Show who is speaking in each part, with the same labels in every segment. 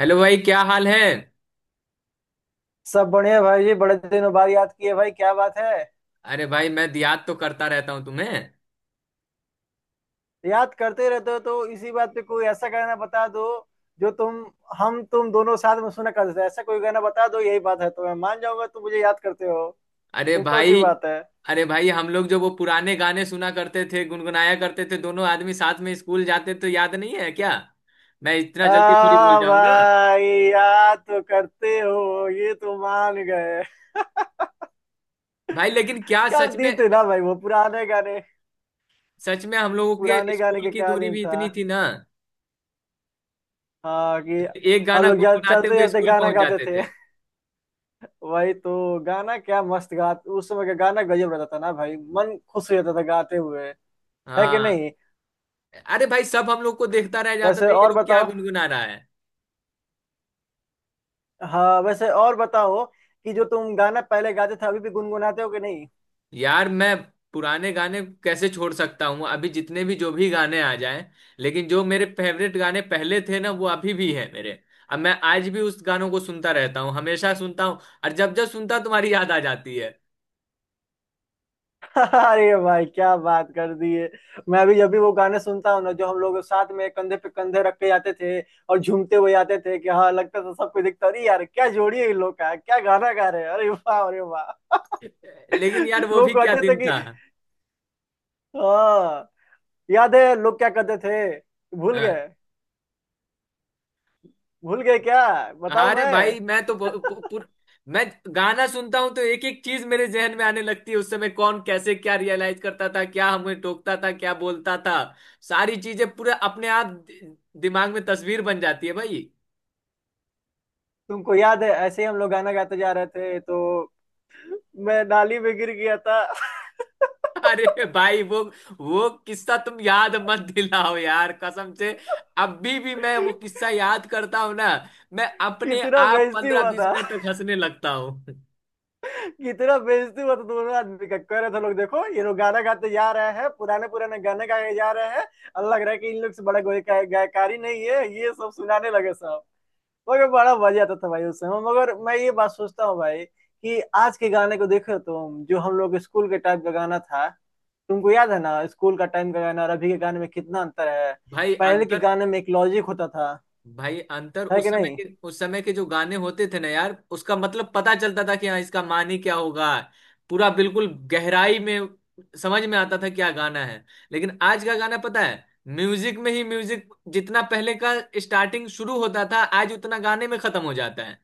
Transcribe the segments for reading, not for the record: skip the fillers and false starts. Speaker 1: Hello भाई, क्या हाल है?
Speaker 2: सब बढ़िया भाई जी। बड़े दिनों बाद याद किए भाई, क्या बात है।
Speaker 1: अरे भाई, मैं याद तो करता रहता हूँ तुम्हें।
Speaker 2: याद करते रहते हो तो इसी बात पे कोई ऐसा गाना बता दो जो तुम हम तुम दोनों साथ में सुना करते थे। ऐसा कोई गाना बता दो, यही बात है तो मैं मान जाऊंगा तुम मुझे याद करते हो।
Speaker 1: अरे
Speaker 2: सिंपल सी
Speaker 1: भाई।
Speaker 2: बात है।
Speaker 1: अरे भाई, हम लोग जो वो पुराने गाने सुना करते थे, गुनगुनाया करते थे, दोनों आदमी साथ में स्कूल जाते, तो याद नहीं है क्या? मैं इतना जल्दी थोड़ी भूल
Speaker 2: आ
Speaker 1: जाऊंगा।
Speaker 2: भाई, याद तो करते हो, ये तो मान गए।
Speaker 1: भाई, लेकिन क्या
Speaker 2: क्या
Speaker 1: सच में।
Speaker 2: दिन थे ना भाई, वो पुराने गाने।
Speaker 1: सच में हम लोगों के
Speaker 2: पुराने गाने
Speaker 1: स्कूल
Speaker 2: के
Speaker 1: की
Speaker 2: क्या
Speaker 1: दूरी
Speaker 2: दिन
Speaker 1: भी
Speaker 2: था।
Speaker 1: इतनी थी ना।
Speaker 2: हाँ कि
Speaker 1: एक
Speaker 2: हम
Speaker 1: गाना
Speaker 2: लोग
Speaker 1: गुनगुनाते
Speaker 2: चलते
Speaker 1: हुए
Speaker 2: चलते
Speaker 1: स्कूल
Speaker 2: गाना
Speaker 1: पहुंच
Speaker 2: गाते
Speaker 1: जाते
Speaker 2: थे।
Speaker 1: थे।
Speaker 2: वही तो गाना क्या मस्त गा। उस समय का गाना गजब रहता था ना भाई, मन खुश हो जाता था गाते हुए। है कि
Speaker 1: हाँ।
Speaker 2: नहीं।
Speaker 1: अरे भाई, सब हम लोग को देखता रह जाता
Speaker 2: वैसे
Speaker 1: था, ये
Speaker 2: और
Speaker 1: लोग क्या
Speaker 2: बताओ।
Speaker 1: गुनगुना रहा है।
Speaker 2: हाँ, वैसे और बताओ कि जो तुम गाना पहले गाते थे अभी भी गुनगुनाते हो कि नहीं।
Speaker 1: यार मैं पुराने गाने कैसे छोड़ सकता हूँ, अभी जितने भी जो भी गाने आ जाएं। लेकिन जो मेरे फेवरेट गाने पहले थे ना, वो अभी भी हैं मेरे। अब मैं आज भी उस गानों को सुनता रहता हूँ, हमेशा सुनता हूँ। और जब जब सुनता हूं, तुम्हारी याद आ जाती है।
Speaker 2: अरे भाई, क्या बात कर दी है। मैं अभी जब भी वो गाने सुनता हूँ ना, जो हम लोग साथ में कंधे पे कंधे रख के जाते थे और झूमते हुए आते थे कि हाँ, लगता था सबको दिखता, अरे यार क्या जोड़ी है इन लोग का, क्या गाना गा रहे हैं, अरे वाह अरे वाह।
Speaker 1: लेकिन यार, वो
Speaker 2: लोग
Speaker 1: भी क्या
Speaker 2: कहते थे
Speaker 1: दिन था।
Speaker 2: कि हाँ। याद है लोग क्या कहते थे। भूल
Speaker 1: हाँ।
Speaker 2: गए। भूल गए क्या। बताऊं
Speaker 1: अरे
Speaker 2: मैं।
Speaker 1: भाई मैं तो मैं गाना सुनता हूँ तो एक एक चीज मेरे जहन में आने लगती है, उस समय कौन कैसे क्या रियलाइज करता था, क्या हमें टोकता था, क्या बोलता था। सारी चीजें पूरे अपने आप दिमाग में तस्वीर बन जाती है भाई।
Speaker 2: तुमको याद है ऐसे ही हम लोग गाना गाते जा रहे थे तो मैं नाली में गिर गया था।
Speaker 1: अरे भाई, वो किस्सा तुम याद मत दिलाओ यार, कसम से। अभी भी मैं वो किस्सा याद करता हूँ ना। मैं अपने
Speaker 2: कितना
Speaker 1: आप
Speaker 2: बेइज्जती
Speaker 1: पंद्रह
Speaker 2: हुआ
Speaker 1: बीस
Speaker 2: था।
Speaker 1: मिनट तक हंसने लगता हूँ।
Speaker 2: कितना बेइज्जती हुआ था दोनों आदमी का, कह रहे थे लोग, देखो ये लोग गाना गाते जा रहे हैं, पुराने पुराने गाने गाए जा रहे हैं। और लग रहा है कि इन लोग से बड़ा कोई गायकारी नहीं है, ये सब सुनाने लगे सब। मगर बड़ा मजा आता था भाई उस समय। मगर मैं ये बात सोचता हूँ भाई कि आज के गाने को देखो तुम, जो हम लोग स्कूल के टाइम का गाना था। तुमको याद है ना स्कूल का टाइम का गाना, और अभी के गाने में कितना अंतर है।
Speaker 1: भाई
Speaker 2: पहले के
Speaker 1: अंतर।
Speaker 2: गाने में एक लॉजिक होता था।
Speaker 1: भाई अंतर,
Speaker 2: है
Speaker 1: उस
Speaker 2: कि
Speaker 1: समय
Speaker 2: नहीं।
Speaker 1: के उस समय के जो गाने होते थे ना यार, उसका मतलब पता चलता था कि हाँ, इसका मानी क्या होगा। पूरा बिल्कुल गहराई में समझ में आता था क्या गाना है। लेकिन आज का गाना पता है, म्यूजिक में ही म्यूजिक जितना पहले का स्टार्टिंग शुरू होता था, आज उतना गाने में खत्म हो जाता है।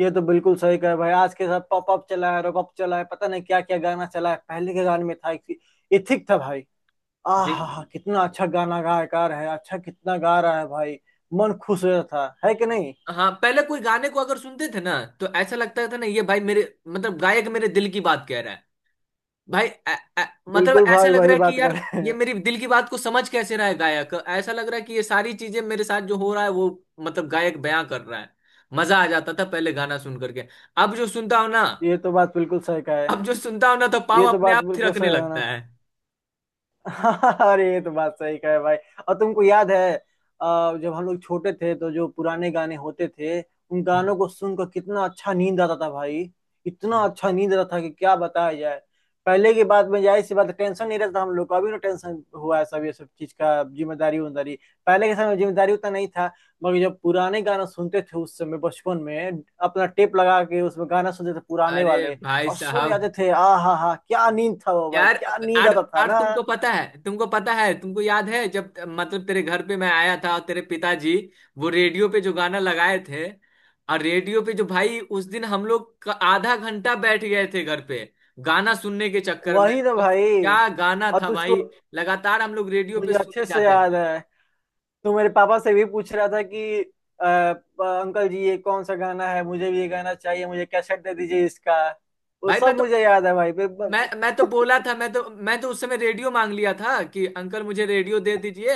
Speaker 2: ये तो बिल्कुल सही कहे भाई, आज के साथ पॉप अप चला है, रॉप अप चला है, पता नहीं क्या क्या गाना चला है। पहले के गाने में था एक। ये ठीक था भाई।
Speaker 1: जी।
Speaker 2: आहा कितना अच्छा गाना गायकार है, अच्छा कितना गा रहा है भाई। मन खुश हो जाता था, है कि नहीं।
Speaker 1: हाँ, पहले कोई गाने को अगर सुनते थे ना, तो ऐसा लगता था ना, ये भाई मेरे मतलब गायक मेरे दिल की बात कह रहा है। भाई मतलब
Speaker 2: बिल्कुल
Speaker 1: ऐसा
Speaker 2: भाई,
Speaker 1: लग रहा
Speaker 2: वही
Speaker 1: है
Speaker 2: बात
Speaker 1: कि
Speaker 2: कर
Speaker 1: यार
Speaker 2: रहे
Speaker 1: ये
Speaker 2: हैं।
Speaker 1: मेरी दिल की बात को समझ कैसे रहा है गायक, ऐसा लग रहा है कि ये सारी चीजें मेरे साथ जो हो रहा है वो मतलब गायक बयां कर रहा है। मजा आ जाता था पहले गाना सुन करके। अब जो सुनता हूं ना
Speaker 2: ये तो बात बिल्कुल सही का है।
Speaker 1: अब जो सुनता हूं ना तो पाँव
Speaker 2: ये तो
Speaker 1: अपने
Speaker 2: बात
Speaker 1: आप
Speaker 2: बिल्कुल
Speaker 1: थिरकने
Speaker 2: सही है ना।
Speaker 1: लगता है।
Speaker 2: अरे ये तो बात सही कहे भाई। और तुमको याद है, जब हम लोग छोटे थे तो जो पुराने गाने होते थे उन
Speaker 1: हम्म।
Speaker 2: गानों को सुनकर कितना अच्छा नींद आता था भाई। इतना
Speaker 1: हम्म।
Speaker 2: अच्छा नींद आता था कि क्या बताया जाए। पहले की बात में जाहिर सी बात है, टेंशन नहीं रहता था हम लोग को। अभी ना टेंशन हुआ है सब, ये सब चीज का जिम्मेदारी उम्मेदारी। पहले के समय में जिम्मेदारी उतना नहीं था। मगर जब पुराने गाना सुनते थे उस समय बचपन में, अपना टेप लगा के उसमें गाना सुनते थे पुराने
Speaker 1: अरे
Speaker 2: वाले,
Speaker 1: भाई
Speaker 2: और सो
Speaker 1: साहब।
Speaker 2: जाते थे। आ हा हा, क्या नींद था वो भाई,
Speaker 1: यार,
Speaker 2: क्या नींद
Speaker 1: आज
Speaker 2: आता था
Speaker 1: आज
Speaker 2: ना।
Speaker 1: तुमको पता है, तुमको पता है, तुमको याद है जब मतलब तेरे घर पे मैं आया था और तेरे पिताजी वो रेडियो पे जो गाना लगाए थे, और रेडियो पे जो भाई उस दिन हम लोग का आधा घंटा बैठ गए थे घर पे गाना सुनने के चक्कर में।
Speaker 2: वही ना भाई।
Speaker 1: क्या गाना
Speaker 2: और
Speaker 1: था
Speaker 2: तुझको
Speaker 1: भाई? लगातार हम लोग रेडियो पे
Speaker 2: मुझे अच्छे
Speaker 1: सुने
Speaker 2: से
Speaker 1: जाते
Speaker 2: याद
Speaker 1: थे।
Speaker 2: है, तू मेरे पापा से भी पूछ रहा था कि अंकल जी ये कौन सा गाना है, मुझे भी ये गाना चाहिए, मुझे कैसेट दे दीजिए इसका। वो
Speaker 1: भाई
Speaker 2: सब
Speaker 1: मैं तो
Speaker 2: मुझे याद है भाई।
Speaker 1: मैं मैं तो बोला था, मैं तो उस समय रेडियो मांग लिया था कि अंकल मुझे रेडियो दे दीजिए,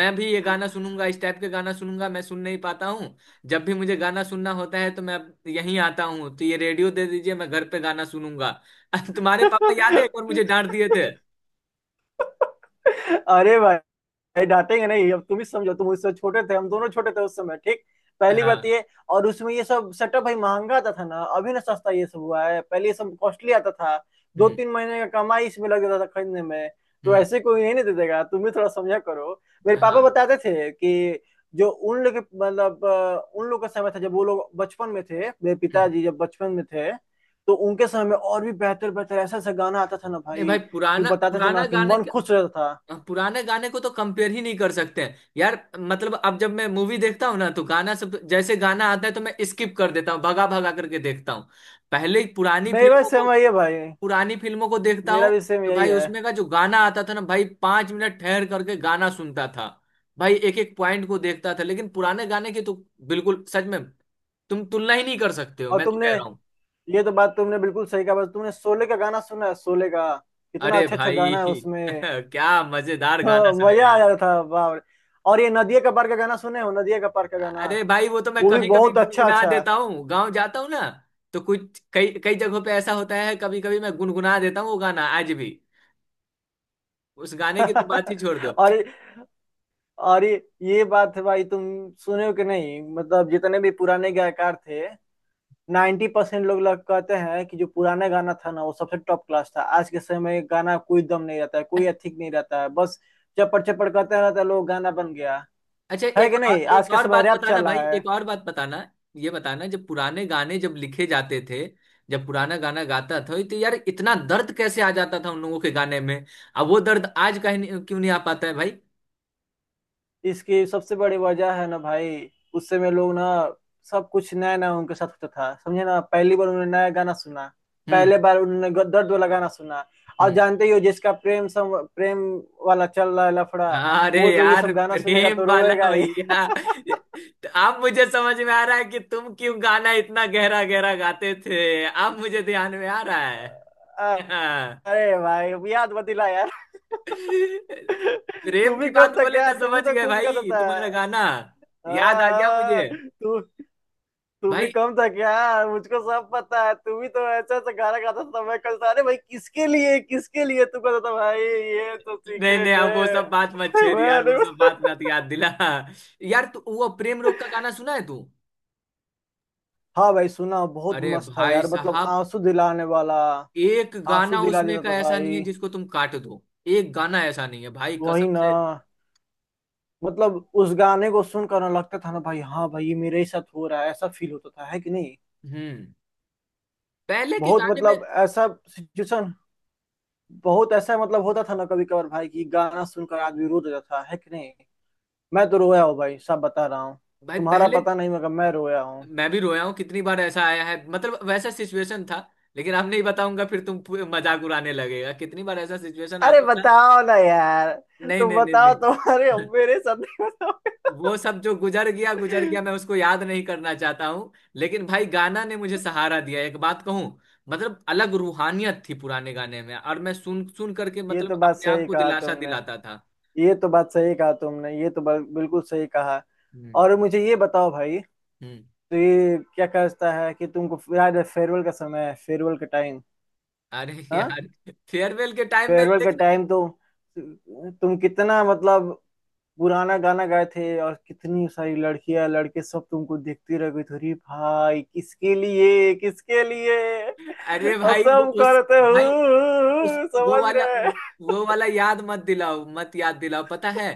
Speaker 1: मैं भी ये गाना सुनूंगा, इस टाइप के गाना सुनूंगा, मैं सुन नहीं पाता हूँ, जब भी मुझे गाना सुनना होता है तो मैं यहीं आता हूँ, तो ये रेडियो दे दीजिए, मैं घर पे गाना सुनूंगा। तुम्हारे पापा याद है, एक बार मुझे डांट दिए थे।
Speaker 2: अरे भाई, नहीं डांटेंगे नहीं, अब तुम ही समझो, तुम उससे छोटे थे, हम दोनों छोटे थे उस समय, ठीक। पहली बात
Speaker 1: हाँ।
Speaker 2: ये। और उसमें ये सब सेटअप भाई महंगा आता था ना, अभी ना सस्ता ये सब हुआ है, पहले ये सब कॉस्टली आता था। दो
Speaker 1: हम्म।
Speaker 2: तीन महीने का कमाई इसमें लग जाता था खरीदने में। तो
Speaker 1: हम्म।
Speaker 2: ऐसे कोई नहीं, नहीं दे देगा, तुम भी थोड़ा समझा करो। मेरे पापा
Speaker 1: हाँ।
Speaker 2: बताते थे कि जो उन लोग के मतलब उन लोग का समय था जब वो लोग बचपन में थे, मेरे
Speaker 1: हम्म।
Speaker 2: पिताजी जब बचपन में थे, तो उनके समय में और भी बेहतर बेहतर ऐसा ऐसा गाना आता था ना
Speaker 1: नहीं
Speaker 2: भाई,
Speaker 1: भाई,
Speaker 2: कि
Speaker 1: पुराना
Speaker 2: बताते थे
Speaker 1: पुराना
Speaker 2: ना कि
Speaker 1: गाना
Speaker 2: मन
Speaker 1: के
Speaker 2: खुश रहता था।
Speaker 1: पुराने गाने को तो कंपेयर ही नहीं कर सकते हैं यार, मतलब अब जब मैं मूवी देखता हूँ ना तो गाना सब तो, जैसे गाना आता है तो मैं स्किप कर देता हूँ, भगा भगा करके देखता हूँ। पहले पुरानी
Speaker 2: मेरी बात
Speaker 1: फिल्मों
Speaker 2: सेम
Speaker 1: को
Speaker 2: वही है भाई।
Speaker 1: पुरानी फिल्मों को देखता
Speaker 2: मेरा
Speaker 1: हूँ,
Speaker 2: भी सेम
Speaker 1: तो
Speaker 2: यही
Speaker 1: भाई
Speaker 2: है।
Speaker 1: उसमें का जो गाना आता था ना भाई, 5 मिनट ठहर करके गाना सुनता था। भाई एक एक पॉइंट को देखता था, लेकिन पुराने गाने की तो बिल्कुल सच में तुम तुलना ही नहीं कर सकते हो,
Speaker 2: और
Speaker 1: मैं तो
Speaker 2: तुमने,
Speaker 1: कह रहा हूँ।
Speaker 2: ये तो बात तुमने बिल्कुल सही कहा। बस तुमने शोले का गाना सुना है, शोले का। कितना
Speaker 1: अरे
Speaker 2: अच्छा अच्छा
Speaker 1: भाई,
Speaker 2: गाना है उसमें।
Speaker 1: क्या मजेदार गाना
Speaker 2: हाँ,
Speaker 1: सब है।
Speaker 2: मजा आ जाता था बाप रे। और ये नदिया का पार का गाना सुने हो, नदिया का पार का गाना
Speaker 1: अरे भाई, वो तो मैं
Speaker 2: वो भी
Speaker 1: कभी कभी
Speaker 2: बहुत अच्छा
Speaker 1: गुनगुना
Speaker 2: अच्छा
Speaker 1: देता हूँ गाँव जाता हूँ ना, तो कुछ कई कई जगहों पे ऐसा होता है, कभी कभी मैं गुनगुना देता हूँ वो गाना आज भी। उस गाने की तो बात ही छोड़
Speaker 2: है।
Speaker 1: दो।
Speaker 2: और ये बात है भाई। तुम सुने हो कि नहीं, मतलब जितने भी पुराने गायकार थे, 90% लोग लग कहते हैं कि जो पुराना गाना था ना वो सबसे टॉप क्लास था। आज के समय में गाना कोई दम नहीं रहता है, कोई
Speaker 1: अ-
Speaker 2: एथिक नहीं रहता है, बस चपड़ चपड़ करते रहता है लोग, गाना बन गया।
Speaker 1: अच्छा,
Speaker 2: है
Speaker 1: एक
Speaker 2: कि नहीं, आज
Speaker 1: एक
Speaker 2: के
Speaker 1: और
Speaker 2: समय
Speaker 1: बात
Speaker 2: रैप
Speaker 1: बताना
Speaker 2: चल
Speaker 1: भाई,
Speaker 2: रहा है।
Speaker 1: एक और बात बताना। ये बताना, जब पुराने गाने जब लिखे जाते थे, जब पुराना गाना गाता था तो यार इतना दर्द कैसे आ जाता था उन लोगों के गाने में। अब वो दर्द आज कहीं नहीं- क्यों नहीं आ पाता है भाई?
Speaker 2: इसकी सबसे बड़ी वजह है ना भाई, उस समय लोग ना सब कुछ नया नया उनके साथ होता था, समझे ना, पहली बार उन्होंने नया गाना सुना,
Speaker 1: हम्म।
Speaker 2: पहले बार उन्होंने दर्द वाला गाना सुना। और
Speaker 1: हम्म।
Speaker 2: जानते ही हो जिसका प्रेम सम प्रेम वाला चल रहा है लफड़ा,
Speaker 1: अरे
Speaker 2: वो तो ये
Speaker 1: यार,
Speaker 2: सब गाना सुनेगा
Speaker 1: प्रेम
Speaker 2: तो
Speaker 1: वाला
Speaker 2: रोएगा ही।
Speaker 1: भैया। तो अब मुझे समझ में आ रहा है कि तुम क्यों गाना इतना गहरा गहरा गाते थे। अब मुझे ध्यान में आ रहा है।
Speaker 2: अरे
Speaker 1: हाँ।
Speaker 2: भाई, अब याद मत दिला यार। तू
Speaker 1: प्रेम
Speaker 2: भी
Speaker 1: की
Speaker 2: कम
Speaker 1: बात
Speaker 2: था
Speaker 1: बोले
Speaker 2: क्या,
Speaker 1: ना,
Speaker 2: तू
Speaker 1: समझ
Speaker 2: भी तो
Speaker 1: गए
Speaker 2: खूब करता
Speaker 1: भाई
Speaker 2: था।
Speaker 1: तुम्हारा गाना,
Speaker 2: हाँ
Speaker 1: याद आ गया
Speaker 2: हाँ,
Speaker 1: मुझे।
Speaker 2: तू तू भी
Speaker 1: भाई
Speaker 2: कम था क्या। मुझको सब पता है, तू भी तो ऐसा ऐसा गाना गाता था। मैं कल था, अरे भाई किसके लिए किसके लिए, तू कहता था भाई, ये तो
Speaker 1: नहीं नहीं,
Speaker 2: सीक्रेट
Speaker 1: अब वो
Speaker 2: है।
Speaker 1: सब बात मत छेड़
Speaker 2: मैं,
Speaker 1: यार, वो
Speaker 2: अरे
Speaker 1: सब बात मत याद दिला। यार तू वो प्रेम रोग का गाना सुना है तू?
Speaker 2: हाँ भाई, सुना, बहुत
Speaker 1: अरे
Speaker 2: मस्त था
Speaker 1: भाई
Speaker 2: यार, मतलब
Speaker 1: साहब,
Speaker 2: आंसू दिलाने वाला।
Speaker 1: एक
Speaker 2: आंसू
Speaker 1: गाना
Speaker 2: दिला
Speaker 1: उसमें
Speaker 2: देता
Speaker 1: का
Speaker 2: था
Speaker 1: ऐसा नहीं है
Speaker 2: भाई।
Speaker 1: जिसको तुम काट दो। एक गाना ऐसा नहीं है भाई, कसम
Speaker 2: वही ना,
Speaker 1: से।
Speaker 2: मतलब उस गाने को सुनकर ना लगता था ना भाई, हाँ भाई ये मेरे ही साथ हो रहा है, ऐसा फील होता था, है कि नहीं।
Speaker 1: हम्म। पहले के
Speaker 2: बहुत
Speaker 1: गाने में।
Speaker 2: मतलब ऐसा सिचुएशन, बहुत ऐसा मतलब होता था ना कभी कभार भाई, कि गाना सुनकर आदमी रो देता था, है कि नहीं। मैं तो रोया हूँ भाई सब बता रहा हूँ।
Speaker 1: भाई
Speaker 2: तुम्हारा
Speaker 1: पहले,
Speaker 2: पता नहीं, मगर मैं रोया हूँ।
Speaker 1: मैं भी रोया हूँ। कितनी बार ऐसा आया है, मतलब वैसा सिचुएशन था। लेकिन अब नहीं बताऊंगा, फिर तुम मजाक उड़ाने लगेगा। कितनी बार ऐसा सिचुएशन
Speaker 2: अरे
Speaker 1: आता है ना।
Speaker 2: बताओ ना यार,
Speaker 1: नहीं
Speaker 2: तुम
Speaker 1: नहीं नहीं
Speaker 2: बताओ,
Speaker 1: नहीं।
Speaker 2: तुम्हारे हम मेरे साथ नहीं, बताओ।
Speaker 1: वो सब जो गुजर गया गुजर गया, मैं उसको याद नहीं करना चाहता हूँ, लेकिन भाई गाना ने मुझे सहारा दिया, एक बात कहूँ। मतलब अलग रूहानियत थी पुराने गाने में, और मैं सुन सुन करके
Speaker 2: ये तो
Speaker 1: मतलब
Speaker 2: बात
Speaker 1: अपने आप
Speaker 2: सही
Speaker 1: को
Speaker 2: कहा
Speaker 1: दिलासा
Speaker 2: तुमने,
Speaker 1: दिलाता था।
Speaker 2: ये तो बात सही कहा तुमने, ये तो बिल्कुल सही कहा।
Speaker 1: हम्म।
Speaker 2: और मुझे ये बताओ भाई,
Speaker 1: हम्म।
Speaker 2: तो ये क्या कहता है कि तुमको याद है फेयरवेल का समय है, फेयरवेल का टाइम।
Speaker 1: अरे
Speaker 2: हाँ,
Speaker 1: यार। फेयरवेल के टाइम में,
Speaker 2: फेयरवेल का
Speaker 1: लेकिन
Speaker 2: टाइम तो, तुम कितना मतलब पुराना गाना गाए थे, और कितनी सारी लड़कियां लड़के सब तुमको देखते रह गए थे, अरे भाई किसके लिए किसके लिए।
Speaker 1: अरे
Speaker 2: अब
Speaker 1: भाई, वो
Speaker 2: सब
Speaker 1: उस,
Speaker 2: करते
Speaker 1: भाई उस,
Speaker 2: हो,
Speaker 1: वो
Speaker 2: समझ
Speaker 1: वाला,
Speaker 2: रहे।
Speaker 1: वो वाला याद मत दिलाओ, मत याद दिलाओ, पता है।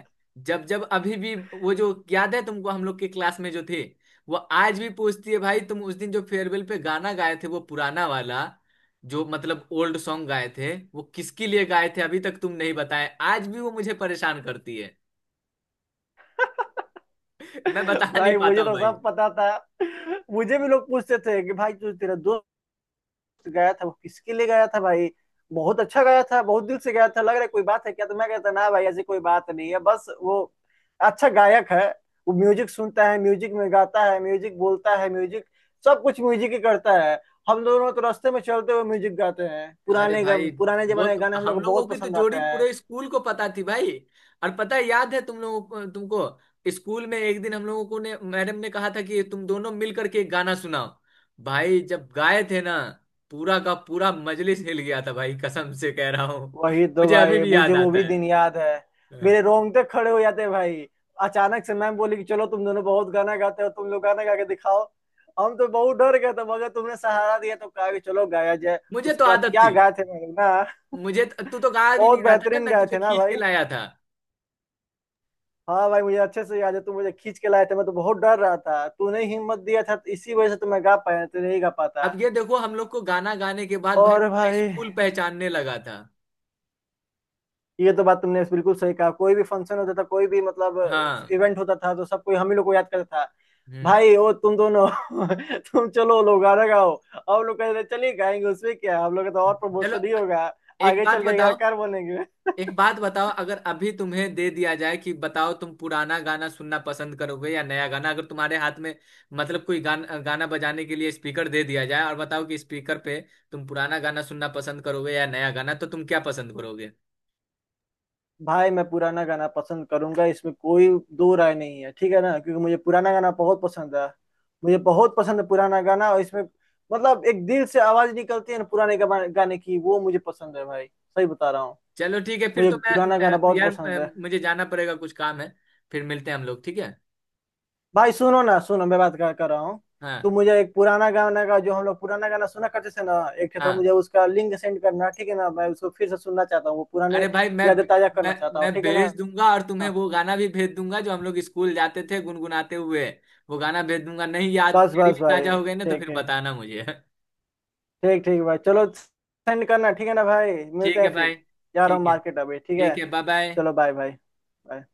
Speaker 1: जब जब अभी भी वो जो याद है तुमको, हम लोग के क्लास में जो थे, वो आज भी पूछती है भाई, तुम उस दिन जो फेयरवेल पे गाना गाए थे, वो पुराना वाला, जो मतलब ओल्ड सॉन्ग गाए थे, वो किसके लिए गाए थे, अभी तक तुम नहीं बताए, आज भी वो मुझे परेशान करती है। मैं बता नहीं
Speaker 2: भाई,
Speaker 1: पाता
Speaker 2: मुझे
Speaker 1: हूँ
Speaker 2: तो
Speaker 1: भाई।
Speaker 2: सब पता था, मुझे भी लोग पूछते थे कि भाई तू, तेरा दोस्त गया था वो किसके लिए गया था भाई, बहुत अच्छा गया था, बहुत दिल से गया था, लग रहा है कोई बात है क्या। तो मैं कहता ना भाई, ऐसी कोई बात नहीं है, बस वो अच्छा गायक है। वो म्यूजिक सुनता है, म्यूजिक में गाता है, म्यूजिक बोलता है, म्यूजिक, सब कुछ म्यूजिक ही करता है। हम दोनों तो रास्ते में चलते हुए म्यूजिक गाते हैं,
Speaker 1: अरे
Speaker 2: पुराने
Speaker 1: भाई,
Speaker 2: पुराने
Speaker 1: वो
Speaker 2: जमाने के
Speaker 1: तो
Speaker 2: गाने हम लोग
Speaker 1: हम
Speaker 2: को
Speaker 1: लोगों
Speaker 2: बहुत
Speaker 1: की तो
Speaker 2: पसंद आते
Speaker 1: जोड़ी
Speaker 2: हैं।
Speaker 1: पूरे स्कूल को पता थी भाई। और पता है, याद है तुम लोगों को, तुमको स्कूल में एक दिन हम लोगों को ने मैडम ने कहा था कि तुम दोनों मिलकर के एक गाना सुनाओ। भाई जब गाए थे ना, पूरा का पूरा मजलिस हिल गया था भाई, कसम से कह रहा हूँ।
Speaker 2: वही तो
Speaker 1: मुझे अभी
Speaker 2: भाई,
Speaker 1: भी
Speaker 2: मुझे
Speaker 1: याद
Speaker 2: वो
Speaker 1: आता
Speaker 2: भी दिन याद है।
Speaker 1: है।
Speaker 2: मेरे रोंगटे खड़े हो जाते भाई, अचानक से मैम बोली कि चलो तुम दोनों बहुत गाना गाते हो, तुम लोग गाना गा के दिखाओ। हम तो बहुत डर गए थे, मगर तुमने सहारा दिया तो कहा कि चलो गाया जाए।
Speaker 1: मुझे तो
Speaker 2: उसके बाद
Speaker 1: आदत
Speaker 2: क्या
Speaker 1: थी।
Speaker 2: गाए थे हम लोग ना।
Speaker 1: मुझे तू तो गा भी
Speaker 2: बहुत
Speaker 1: नहीं रहा था ना,
Speaker 2: बेहतरीन
Speaker 1: मैं
Speaker 2: गाए
Speaker 1: तुझे
Speaker 2: थे ना
Speaker 1: खींच के
Speaker 2: भाई।
Speaker 1: लाया था।
Speaker 2: हाँ भाई मुझे अच्छे से याद है, तुम मुझे खींच के लाए थे, मैं तो बहुत डर रहा था, तूने हिम्मत दिया था तो इसी वजह से तो मैं गा पाया, नहीं तो नहीं गा पाता।
Speaker 1: अब ये देखो, हम लोग को गाना गाने के बाद भाई
Speaker 2: और
Speaker 1: पूरा
Speaker 2: भाई,
Speaker 1: स्कूल पहचानने लगा था।
Speaker 2: ये तो बात तुमने बिल्कुल सही कहा, कोई भी फंक्शन होता था, कोई भी मतलब
Speaker 1: हाँ।
Speaker 2: इवेंट होता था, तो सब कोई हम ही लोग को याद करता था।
Speaker 1: हम्म।
Speaker 2: भाई ओ तुम दोनों, तुम चलो लोग गाना गाओ। हम लोग कहते थे, चलिए गाएंगे, उसमें क्या है? हम लोग का तो और
Speaker 1: चलो
Speaker 2: प्रमोशन ही होगा,
Speaker 1: एक
Speaker 2: आगे
Speaker 1: बात
Speaker 2: चल के
Speaker 1: बताओ
Speaker 2: गायकार बनेंगे।
Speaker 1: एक बात बताओ अगर अभी तुम्हें दे दिया जाए कि बताओ तुम पुराना गाना सुनना पसंद करोगे या नया गाना, अगर तुम्हारे हाथ में मतलब कोई गाना गाना बजाने के लिए स्पीकर दे दिया जाए और बताओ कि स्पीकर पे तुम पुराना गाना सुनना पसंद करोगे या नया गाना, तो तुम क्या पसंद करोगे?
Speaker 2: भाई मैं पुराना गाना पसंद करूंगा, इसमें कोई दो राय नहीं है, ठीक है ना, क्योंकि मुझे पुराना गाना बहुत पसंद है। मुझे बहुत पसंद है पुराना गाना, और इसमें मतलब एक दिल से आवाज निकलती है ना पुराने गाने की, वो मुझे पसंद है भाई, सही बता रहा हूँ।
Speaker 1: चलो ठीक है, फिर
Speaker 2: मुझे
Speaker 1: तो मैं
Speaker 2: पुराना गाना बहुत
Speaker 1: यार
Speaker 2: पसंद है।
Speaker 1: मुझे जाना पड़ेगा, कुछ काम है। फिर मिलते हैं हम लोग, ठीक है।
Speaker 2: भाई सुनो ना सुनो, मैं बात कर रहा हूँ। तो
Speaker 1: हाँ।
Speaker 2: मुझे एक पुराना गाना का, जो हम लोग पुराना गाना सुना करते थे ना, एक तो
Speaker 1: हाँ।
Speaker 2: मुझे उसका लिंक सेंड करना, ठीक है ना, मैं उसको फिर से सुनना चाहता हूँ, वो पुराने
Speaker 1: अरे भाई,
Speaker 2: यादें ताजा करना
Speaker 1: मैं
Speaker 2: चाहता हूँ,
Speaker 1: मैं
Speaker 2: ठीक है ना।
Speaker 1: भेज दूंगा और तुम्हें वो गाना भी भेज दूंगा जो हम लोग स्कूल जाते थे गुनगुनाते हुए, वो गाना भेज दूंगा। नहीं, याद
Speaker 2: बस
Speaker 1: तेरी
Speaker 2: बस
Speaker 1: भी
Speaker 2: भाई,
Speaker 1: ताजा हो गई ना, तो
Speaker 2: ठीक
Speaker 1: फिर
Speaker 2: ठीक,
Speaker 1: बताना मुझे।
Speaker 2: ठीक ठीक भाई, चलो सेंड करना, ठीक है ना भाई। मिलते
Speaker 1: ठीक
Speaker 2: हैं
Speaker 1: है
Speaker 2: फिर,
Speaker 1: भाई।
Speaker 2: जा रहा हूँ
Speaker 1: ठीक है।
Speaker 2: मार्केट अभी, ठीक है।
Speaker 1: ठीक है, बाय बाय।
Speaker 2: चलो बाय बाय, बाय।